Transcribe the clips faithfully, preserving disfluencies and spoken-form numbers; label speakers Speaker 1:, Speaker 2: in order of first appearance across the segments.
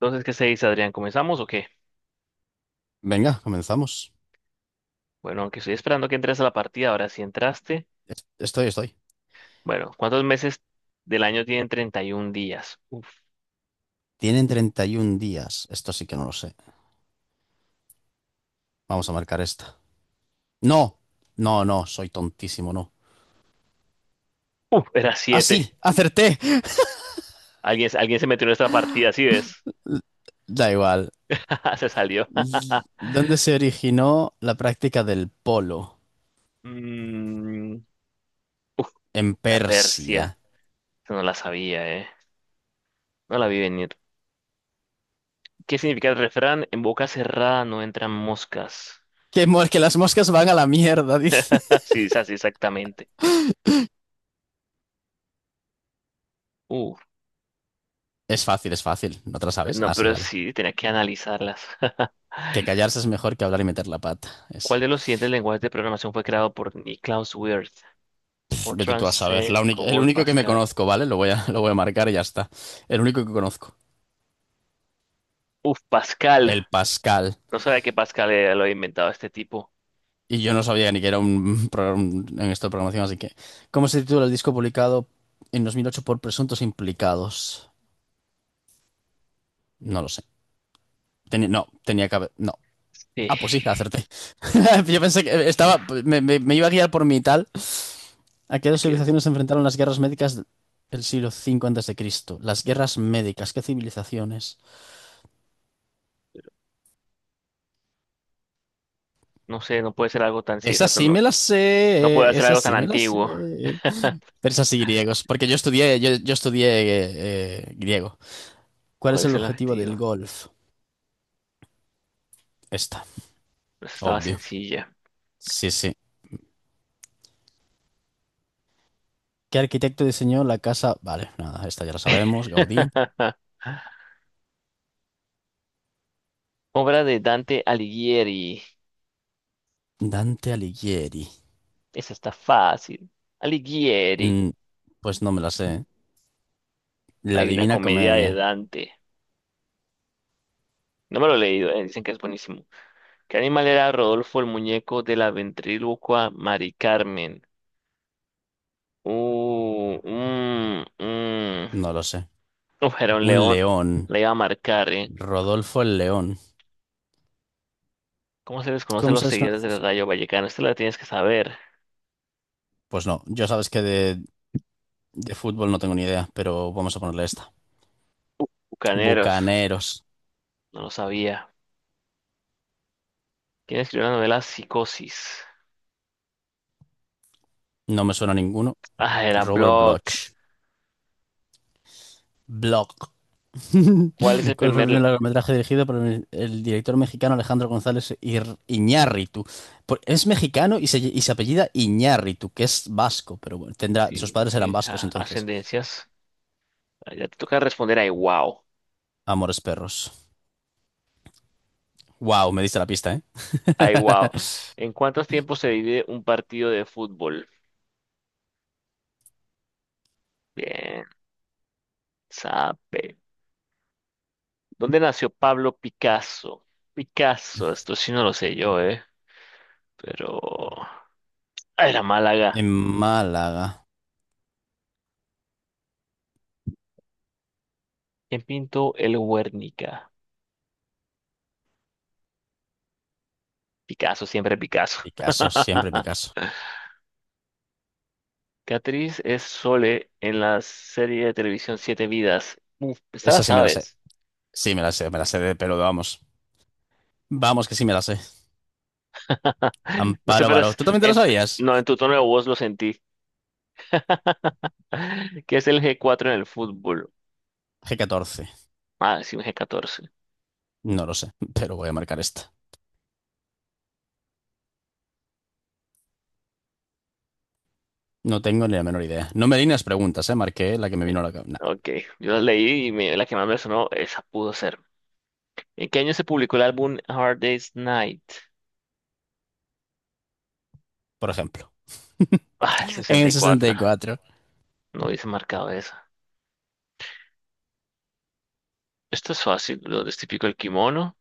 Speaker 1: Entonces, ¿qué se dice, Adrián? ¿Comenzamos o qué?
Speaker 2: Venga, comenzamos.
Speaker 1: Bueno, aunque estoy esperando que entres a la partida, ahora sí entraste.
Speaker 2: Es- Estoy, estoy.
Speaker 1: Bueno, ¿cuántos meses del año tienen treinta y un días? Uf,
Speaker 2: Tienen treinta y un días. Esto sí que no lo sé. Vamos a marcar esta. No, no, no, soy tontísimo, no.
Speaker 1: uf, era
Speaker 2: Ah,
Speaker 1: siete.
Speaker 2: sí, acerté.
Speaker 1: Alguien, alguien se metió en esta partida, ¿sí ves?
Speaker 2: Da igual.
Speaker 1: Se salió.
Speaker 2: Y- ¿Dónde se originó la práctica del polo?
Speaker 1: Mm, Uf,
Speaker 2: En
Speaker 1: la
Speaker 2: Persia.
Speaker 1: Persia. Esa No la sabía, ¿eh? No la vi venir. ¿Qué significa el refrán? En boca cerrada no entran moscas.
Speaker 2: Que, mor- que las moscas van a la mierda, dice.
Speaker 1: Sí, es así exactamente. Uf,
Speaker 2: Es fácil, es fácil. ¿No te la sabes?
Speaker 1: no,
Speaker 2: Ah, sí,
Speaker 1: pero
Speaker 2: vale.
Speaker 1: sí, tenía que analizarlas.
Speaker 2: Que callarse es mejor que hablar y meter la pata.
Speaker 1: ¿Cuál
Speaker 2: Esa.
Speaker 1: de los siguientes lenguajes de programación fue creado por Niklaus Wirth?
Speaker 2: Vete
Speaker 1: Fortran,
Speaker 2: tú a saber. La
Speaker 1: C,
Speaker 2: única- el
Speaker 1: Cobol,
Speaker 2: único que me
Speaker 1: Pascal.
Speaker 2: conozco, ¿vale? Lo voy a, lo voy a marcar y ya está. El único que conozco.
Speaker 1: Uf, Pascal.
Speaker 2: El Pascal.
Speaker 1: No sabía que Pascal era- lo había inventado este tipo.
Speaker 2: Y yo no sabía ni que era un programa en esto de programación, así que. ¿Cómo se titula el disco publicado en dos mil ocho por presuntos implicados? No lo sé. Teni- no, tenía que haber. No.
Speaker 1: Sí.
Speaker 2: Ah, pues sí, acerté. Yo pensé que
Speaker 1: Uf,
Speaker 2: estaba. Me, me- me iba a guiar por mi tal. ¿A qué dos
Speaker 1: aquí es-
Speaker 2: civilizaciones se enfrentaron las guerras médicas del siglo cinco antes de Cristo? Las guerras médicas, ¿qué civilizaciones?
Speaker 1: No sé, no puede ser algo tan... Sí,
Speaker 2: Esas
Speaker 1: exacto,
Speaker 2: sí me
Speaker 1: no.
Speaker 2: las
Speaker 1: No puede
Speaker 2: sé,
Speaker 1: ser
Speaker 2: esas
Speaker 1: algo tan
Speaker 2: sí me las
Speaker 1: antiguo.
Speaker 2: sé. Persas y griegos, porque yo estudié, yo, yo estudié eh, eh, griego. ¿Cuál
Speaker 1: ¿Cuál
Speaker 2: es
Speaker 1: es
Speaker 2: el
Speaker 1: el
Speaker 2: objetivo del
Speaker 1: objetivo?
Speaker 2: golf? Esta,
Speaker 1: Pues estaba
Speaker 2: obvio.
Speaker 1: sencilla.
Speaker 2: Sí, sí. ¿Qué arquitecto diseñó la casa? Vale, nada, esta ya la sabemos. Gaudí.
Speaker 1: Obra de Dante Alighieri.
Speaker 2: Dante Alighieri.
Speaker 1: Esa está fácil. Alighieri.
Speaker 2: Mm, pues no me la sé. La
Speaker 1: Hay una
Speaker 2: Divina
Speaker 1: comedia de
Speaker 2: Comedia.
Speaker 1: Dante. No me lo he leído, eh. Dicen que es buenísimo. ¿Qué animal era Rodolfo el muñeco de la ventrílocua Mari Carmen? Uh, mm, mm.
Speaker 2: No lo sé.
Speaker 1: Uf, era un
Speaker 2: Un
Speaker 1: león.
Speaker 2: león.
Speaker 1: Le iba a marcar, ¿eh?
Speaker 2: Rodolfo el León.
Speaker 1: ¿Cómo se les conoce a
Speaker 2: ¿Cómo
Speaker 1: los
Speaker 2: sabes que no
Speaker 1: seguidores del
Speaker 2: eso?
Speaker 1: Rayo Vallecano? Esta la tienes que saber.
Speaker 2: Pues no, yo sabes que de, de fútbol no tengo ni idea, pero vamos a ponerle esta.
Speaker 1: Bucaneros.
Speaker 2: Bucaneros.
Speaker 1: No lo sabía. ¿Quién escribió la novela Psicosis?
Speaker 2: No me suena a ninguno.
Speaker 1: Ah, era
Speaker 2: Robert
Speaker 1: Block.
Speaker 2: Bloch. Bloch.
Speaker 1: ¿Cuál es el
Speaker 2: ¿Cuál fue el
Speaker 1: primer...
Speaker 2: primer
Speaker 1: la-
Speaker 2: largometraje dirigido por el, el director mexicano Alejandro González Ir- Iñárritu? Por- es mexicano y se, y se apellida Iñárritu, que es vasco, pero bueno, tendrá, sus
Speaker 1: Sí,
Speaker 2: padres eran
Speaker 1: sí.
Speaker 2: vascos
Speaker 1: ah,
Speaker 2: entonces.
Speaker 1: ascendencias. Ah, Ya te toca responder. Ay, wow.
Speaker 2: Amores perros. Wow, me diste la pista, ¿eh?
Speaker 1: Ay, wow. ¿En cuántos tiempos se divide un partido de fútbol? Bien, sabe. ¿Dónde nació Pablo Picasso? Picasso, esto sí no lo sé yo, ¿eh? Pero... ah, Era Málaga.
Speaker 2: En Málaga.
Speaker 1: ¿Quién pintó el Guernica? Picasso, siempre Picasso.
Speaker 2: Picasso, siempre Picasso.
Speaker 1: ¿Qué actriz es Sole en la serie de televisión Siete Vidas? Uf, esta la
Speaker 2: Esa sí me la sé.
Speaker 1: sabes.
Speaker 2: Sí me la sé, me la sé de pero vamos. Vamos, que sí me la sé.
Speaker 1: No sé,
Speaker 2: Amparo
Speaker 1: pero
Speaker 2: Baró.
Speaker 1: es...
Speaker 2: ¿Tú también te la
Speaker 1: en-
Speaker 2: sabías?
Speaker 1: no, en tu tono de voz lo sentí. ¿Qué es el G cuatro en el fútbol?
Speaker 2: G catorce.
Speaker 1: Ah, sí, un G catorce.
Speaker 2: No lo sé, pero voy a marcar esta. No tengo ni la menor idea. No me di las preguntas, ¿eh? Marqué la que me vino a la cabeza. Nah,
Speaker 1: Ok, yo la leí y me- la que más me sonó, esa pudo ser. ¿En qué año se publicó el álbum Hard Day's Night?
Speaker 2: por ejemplo.
Speaker 1: Ah, el
Speaker 2: En
Speaker 1: sesenta
Speaker 2: el
Speaker 1: y
Speaker 2: sesenta
Speaker 1: cuatro.
Speaker 2: y cuatro,
Speaker 1: No hubiese marcado eso. Esto es fácil. Lo es típico el kimono.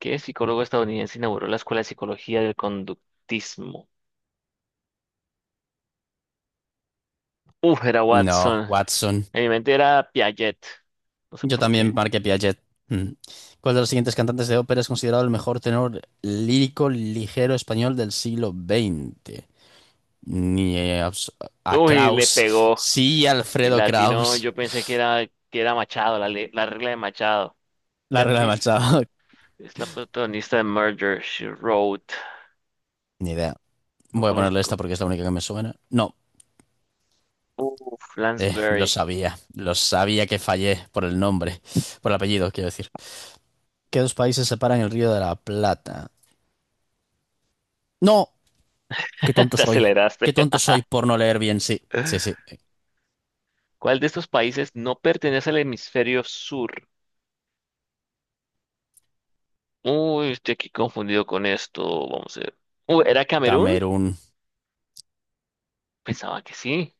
Speaker 1: ¿Qué psicólogo estadounidense inauguró la Escuela de Psicología del Conductismo? Uf, era
Speaker 2: No,
Speaker 1: Watson.
Speaker 2: Watson.
Speaker 1: En mi mente era Piaget. No sé
Speaker 2: Yo
Speaker 1: por qué.
Speaker 2: también marqué Piaget. Mm. ¿Cuál de los siguientes cantantes de ópera es considerado el mejor tenor lírico ligero español del siglo veinte? Ni eh, abs- a
Speaker 1: Uy, le
Speaker 2: Kraus.
Speaker 1: pegó.
Speaker 2: Sí,
Speaker 1: Y
Speaker 2: Alfredo
Speaker 1: latino,
Speaker 2: Kraus.
Speaker 1: yo pensé que era, que era Machado, la, le- la regla de Machado. ¿Qué
Speaker 2: La regla de
Speaker 1: actriz
Speaker 2: Machado.
Speaker 1: es la protagonista de Murder, She Wrote?
Speaker 2: Ni idea.
Speaker 1: No
Speaker 2: Voy a ponerle esta
Speaker 1: conozco.
Speaker 2: porque es la única que me suena. No,
Speaker 1: Uf,
Speaker 2: eh, lo
Speaker 1: Lansbury.
Speaker 2: sabía. Lo sabía que fallé por el nombre. Por el apellido, quiero decir. ¿Qué dos países separan el Río de la Plata? No, qué tonto
Speaker 1: Te
Speaker 2: soy.
Speaker 1: aceleraste.
Speaker 2: Qué tonto soy por no leer bien. Sí, sí, sí.
Speaker 1: ¿Cuál de estos países no pertenece al hemisferio sur? Uy, estoy aquí confundido con esto. Vamos a ver. Uy, ¿era Camerún?
Speaker 2: Camerún.
Speaker 1: Pensaba que sí.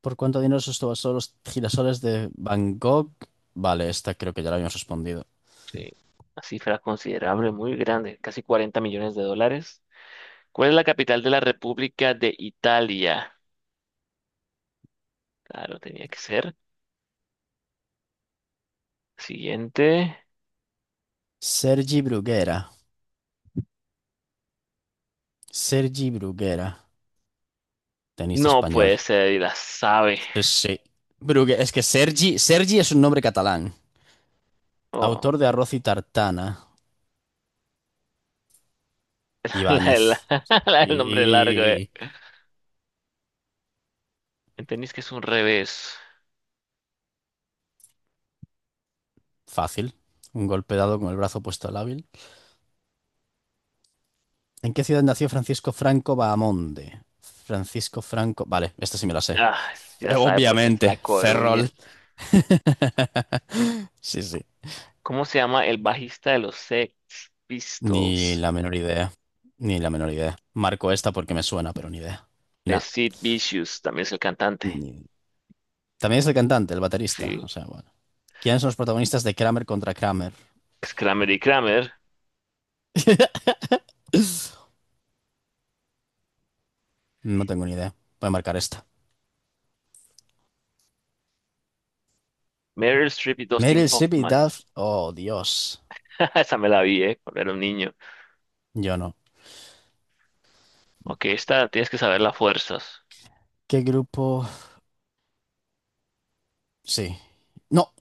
Speaker 2: ¿Por cuánto dinero subastó los girasoles de Van Gogh? Vale, esta creo que ya la habíamos respondido.
Speaker 1: Sí. Una cifra considerable, muy grande, casi cuarenta millones de dólares. ¿Cuál es la capital de la República de Italia? Claro, tenía que ser. Siguiente.
Speaker 2: Sergi Bruguera. Sergi Bruguera. Tenista
Speaker 1: No
Speaker 2: español.
Speaker 1: puede ser, y la sabe.
Speaker 2: Sí, sí. Brugue- Es que Sergi, Sergi es un nombre catalán.
Speaker 1: Oh,
Speaker 2: Autor de Arroz y Tartana.
Speaker 1: la, del
Speaker 2: Ibáñez.
Speaker 1: la del nombre largo, eh.
Speaker 2: Y.
Speaker 1: ¿Entendís que es un revés?
Speaker 2: Fácil. Un golpe dado con el brazo puesto al hábil. ¿En qué ciudad nació Francisco Franco Bahamonde? Francisco Franco. Vale, esta sí me la sé.
Speaker 1: Ah, sí
Speaker 2: Eh,
Speaker 1: la sabe porque es de La
Speaker 2: Obviamente,
Speaker 1: Coruña.
Speaker 2: Ferrol. Sí, sí.
Speaker 1: ¿Cómo se llama el bajista de los Sex
Speaker 2: Ni
Speaker 1: Pistols?
Speaker 2: la menor idea. Ni la menor idea. Marco esta porque me suena, pero ni idea. Nah.
Speaker 1: Es Sid Vicious, también es el cantante.
Speaker 2: ni- También es el cantante, el baterista.
Speaker 1: Sí,
Speaker 2: O sea, bueno. ¿Quiénes son los protagonistas de Kramer contra Kramer?
Speaker 1: es Kramer y Kramer,
Speaker 2: No tengo ni idea. Voy a marcar esta.
Speaker 1: Meryl Streep y Dustin
Speaker 2: Meryl Streep y
Speaker 1: Hoffman.
Speaker 2: Duff. Oh, Dios.
Speaker 1: Esa me la vi, eh, cuando era un niño.
Speaker 2: Yo no.
Speaker 1: Ok, esta tienes que saber las fuerzas.
Speaker 2: ¿Qué grupo? Sí. No,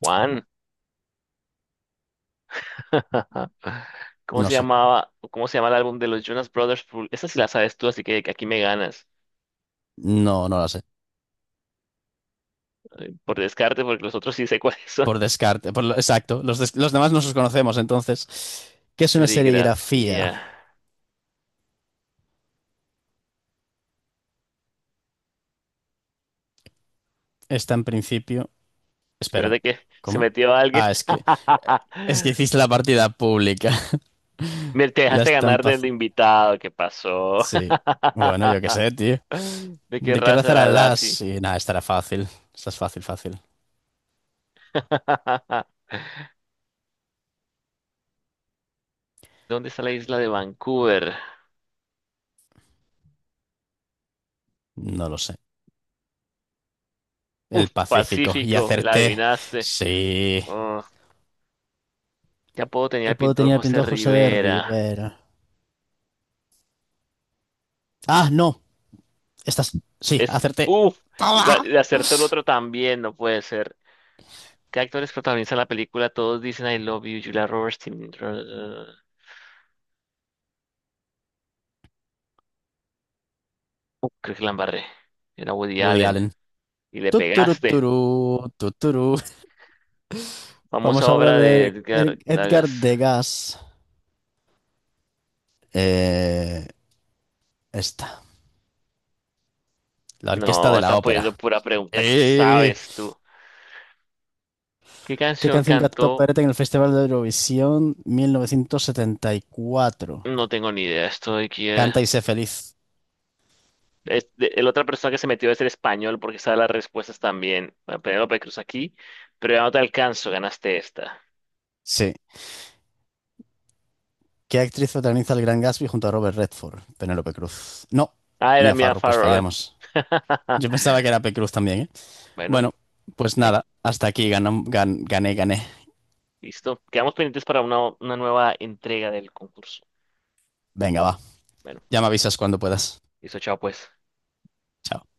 Speaker 1: Juan. ¿Cómo
Speaker 2: no
Speaker 1: se
Speaker 2: sé.
Speaker 1: llamaba? ¿Cómo se llama el álbum de los Jonas Brothers? Full- Esa sí la sabes tú, así que aquí me ganas.
Speaker 2: No, no la sé.
Speaker 1: Por descarte, porque los otros sí sé cuáles son.
Speaker 2: Por descarte, por lo- exacto. Los, des- los demás no los conocemos, entonces. ¿Qué es una serigrafía?
Speaker 1: Serigrafía.
Speaker 2: Está en principio. Espera,
Speaker 1: Espérate que se
Speaker 2: ¿cómo?
Speaker 1: metió alguien.
Speaker 2: Ah, es que, es que hiciste la partida pública.
Speaker 1: Me te
Speaker 2: La
Speaker 1: dejaste ganar
Speaker 2: estampa.
Speaker 1: del invitado, ¿qué pasó?
Speaker 2: Sí. Bueno, yo qué sé, tío.
Speaker 1: ¿De qué
Speaker 2: ¿De qué
Speaker 1: raza
Speaker 2: raza
Speaker 1: era
Speaker 2: eran las?
Speaker 1: Lassie?
Speaker 2: Sí, nada, estará fácil. Esta es fácil, fácil.
Speaker 1: ¿Dónde está la isla de Vancouver?
Speaker 2: No lo sé.
Speaker 1: Uf,
Speaker 2: El Pacífico. Y
Speaker 1: Pacífico, y la
Speaker 2: acerté.
Speaker 1: adivinaste.
Speaker 2: Sí.
Speaker 1: Oh, qué apodo tenía
Speaker 2: ¿Qué
Speaker 1: el
Speaker 2: puedo
Speaker 1: pintor
Speaker 2: tener el
Speaker 1: José
Speaker 2: pintor José de
Speaker 1: Rivera.
Speaker 2: Rivera? Ah, no. Estas. Sí,
Speaker 1: Es,
Speaker 2: acerté.
Speaker 1: uf, la-
Speaker 2: ¡Toma!
Speaker 1: le acertó el otro también, no puede ser. ¿Qué actores protagonizan la película? Todos dicen I love you, Julia Roberts, Tim- Uh, creo que la embarré. Era Woody
Speaker 2: Woody
Speaker 1: Allen.
Speaker 2: Allen.
Speaker 1: Y le
Speaker 2: Tuturu,
Speaker 1: pegaste.
Speaker 2: tuturu tuturu.
Speaker 1: Famosa
Speaker 2: Vamos a hablar
Speaker 1: obra de
Speaker 2: de Er-
Speaker 1: Edgar
Speaker 2: Edgar
Speaker 1: Dagas.
Speaker 2: Degas. Eh, esta, la Orquesta
Speaker 1: No,
Speaker 2: de la
Speaker 1: están poniendo
Speaker 2: Ópera.
Speaker 1: pura pregunta. ¿Qué
Speaker 2: Eh,
Speaker 1: sabes tú? ¿Qué
Speaker 2: ¿Qué
Speaker 1: canción
Speaker 2: canción cantó
Speaker 1: cantó?
Speaker 2: Perete en el Festival de Eurovisión mil novecientos setenta y cuatro?
Speaker 1: No tengo ni idea. Esto de aquí es...
Speaker 2: Canta y sé feliz.
Speaker 1: es de- la otra persona que se metió es el español porque sabe las respuestas también. Bueno, Penélope Cruz aquí, pero ya no te alcanzo. Ganaste esta.
Speaker 2: Sí. ¿Qué actriz protagoniza el Gran Gatsby junto a Robert Redford? Penélope Cruz. No,
Speaker 1: Ah, era
Speaker 2: Mia
Speaker 1: Mia
Speaker 2: Farrow, pues
Speaker 1: Farrow.
Speaker 2: fallamos. Yo pensaba que era P. Cruz también, ¿eh?
Speaker 1: Bueno,
Speaker 2: Bueno, pues
Speaker 1: ahí,
Speaker 2: nada, hasta aquí ganó- gan- gané, gané.
Speaker 1: listo. Quedamos pendientes para una, una nueva entrega del concurso.
Speaker 2: Venga, va.
Speaker 1: Bueno,
Speaker 2: Ya me avisas cuando puedas.
Speaker 1: listo, chao pues.
Speaker 2: Chao.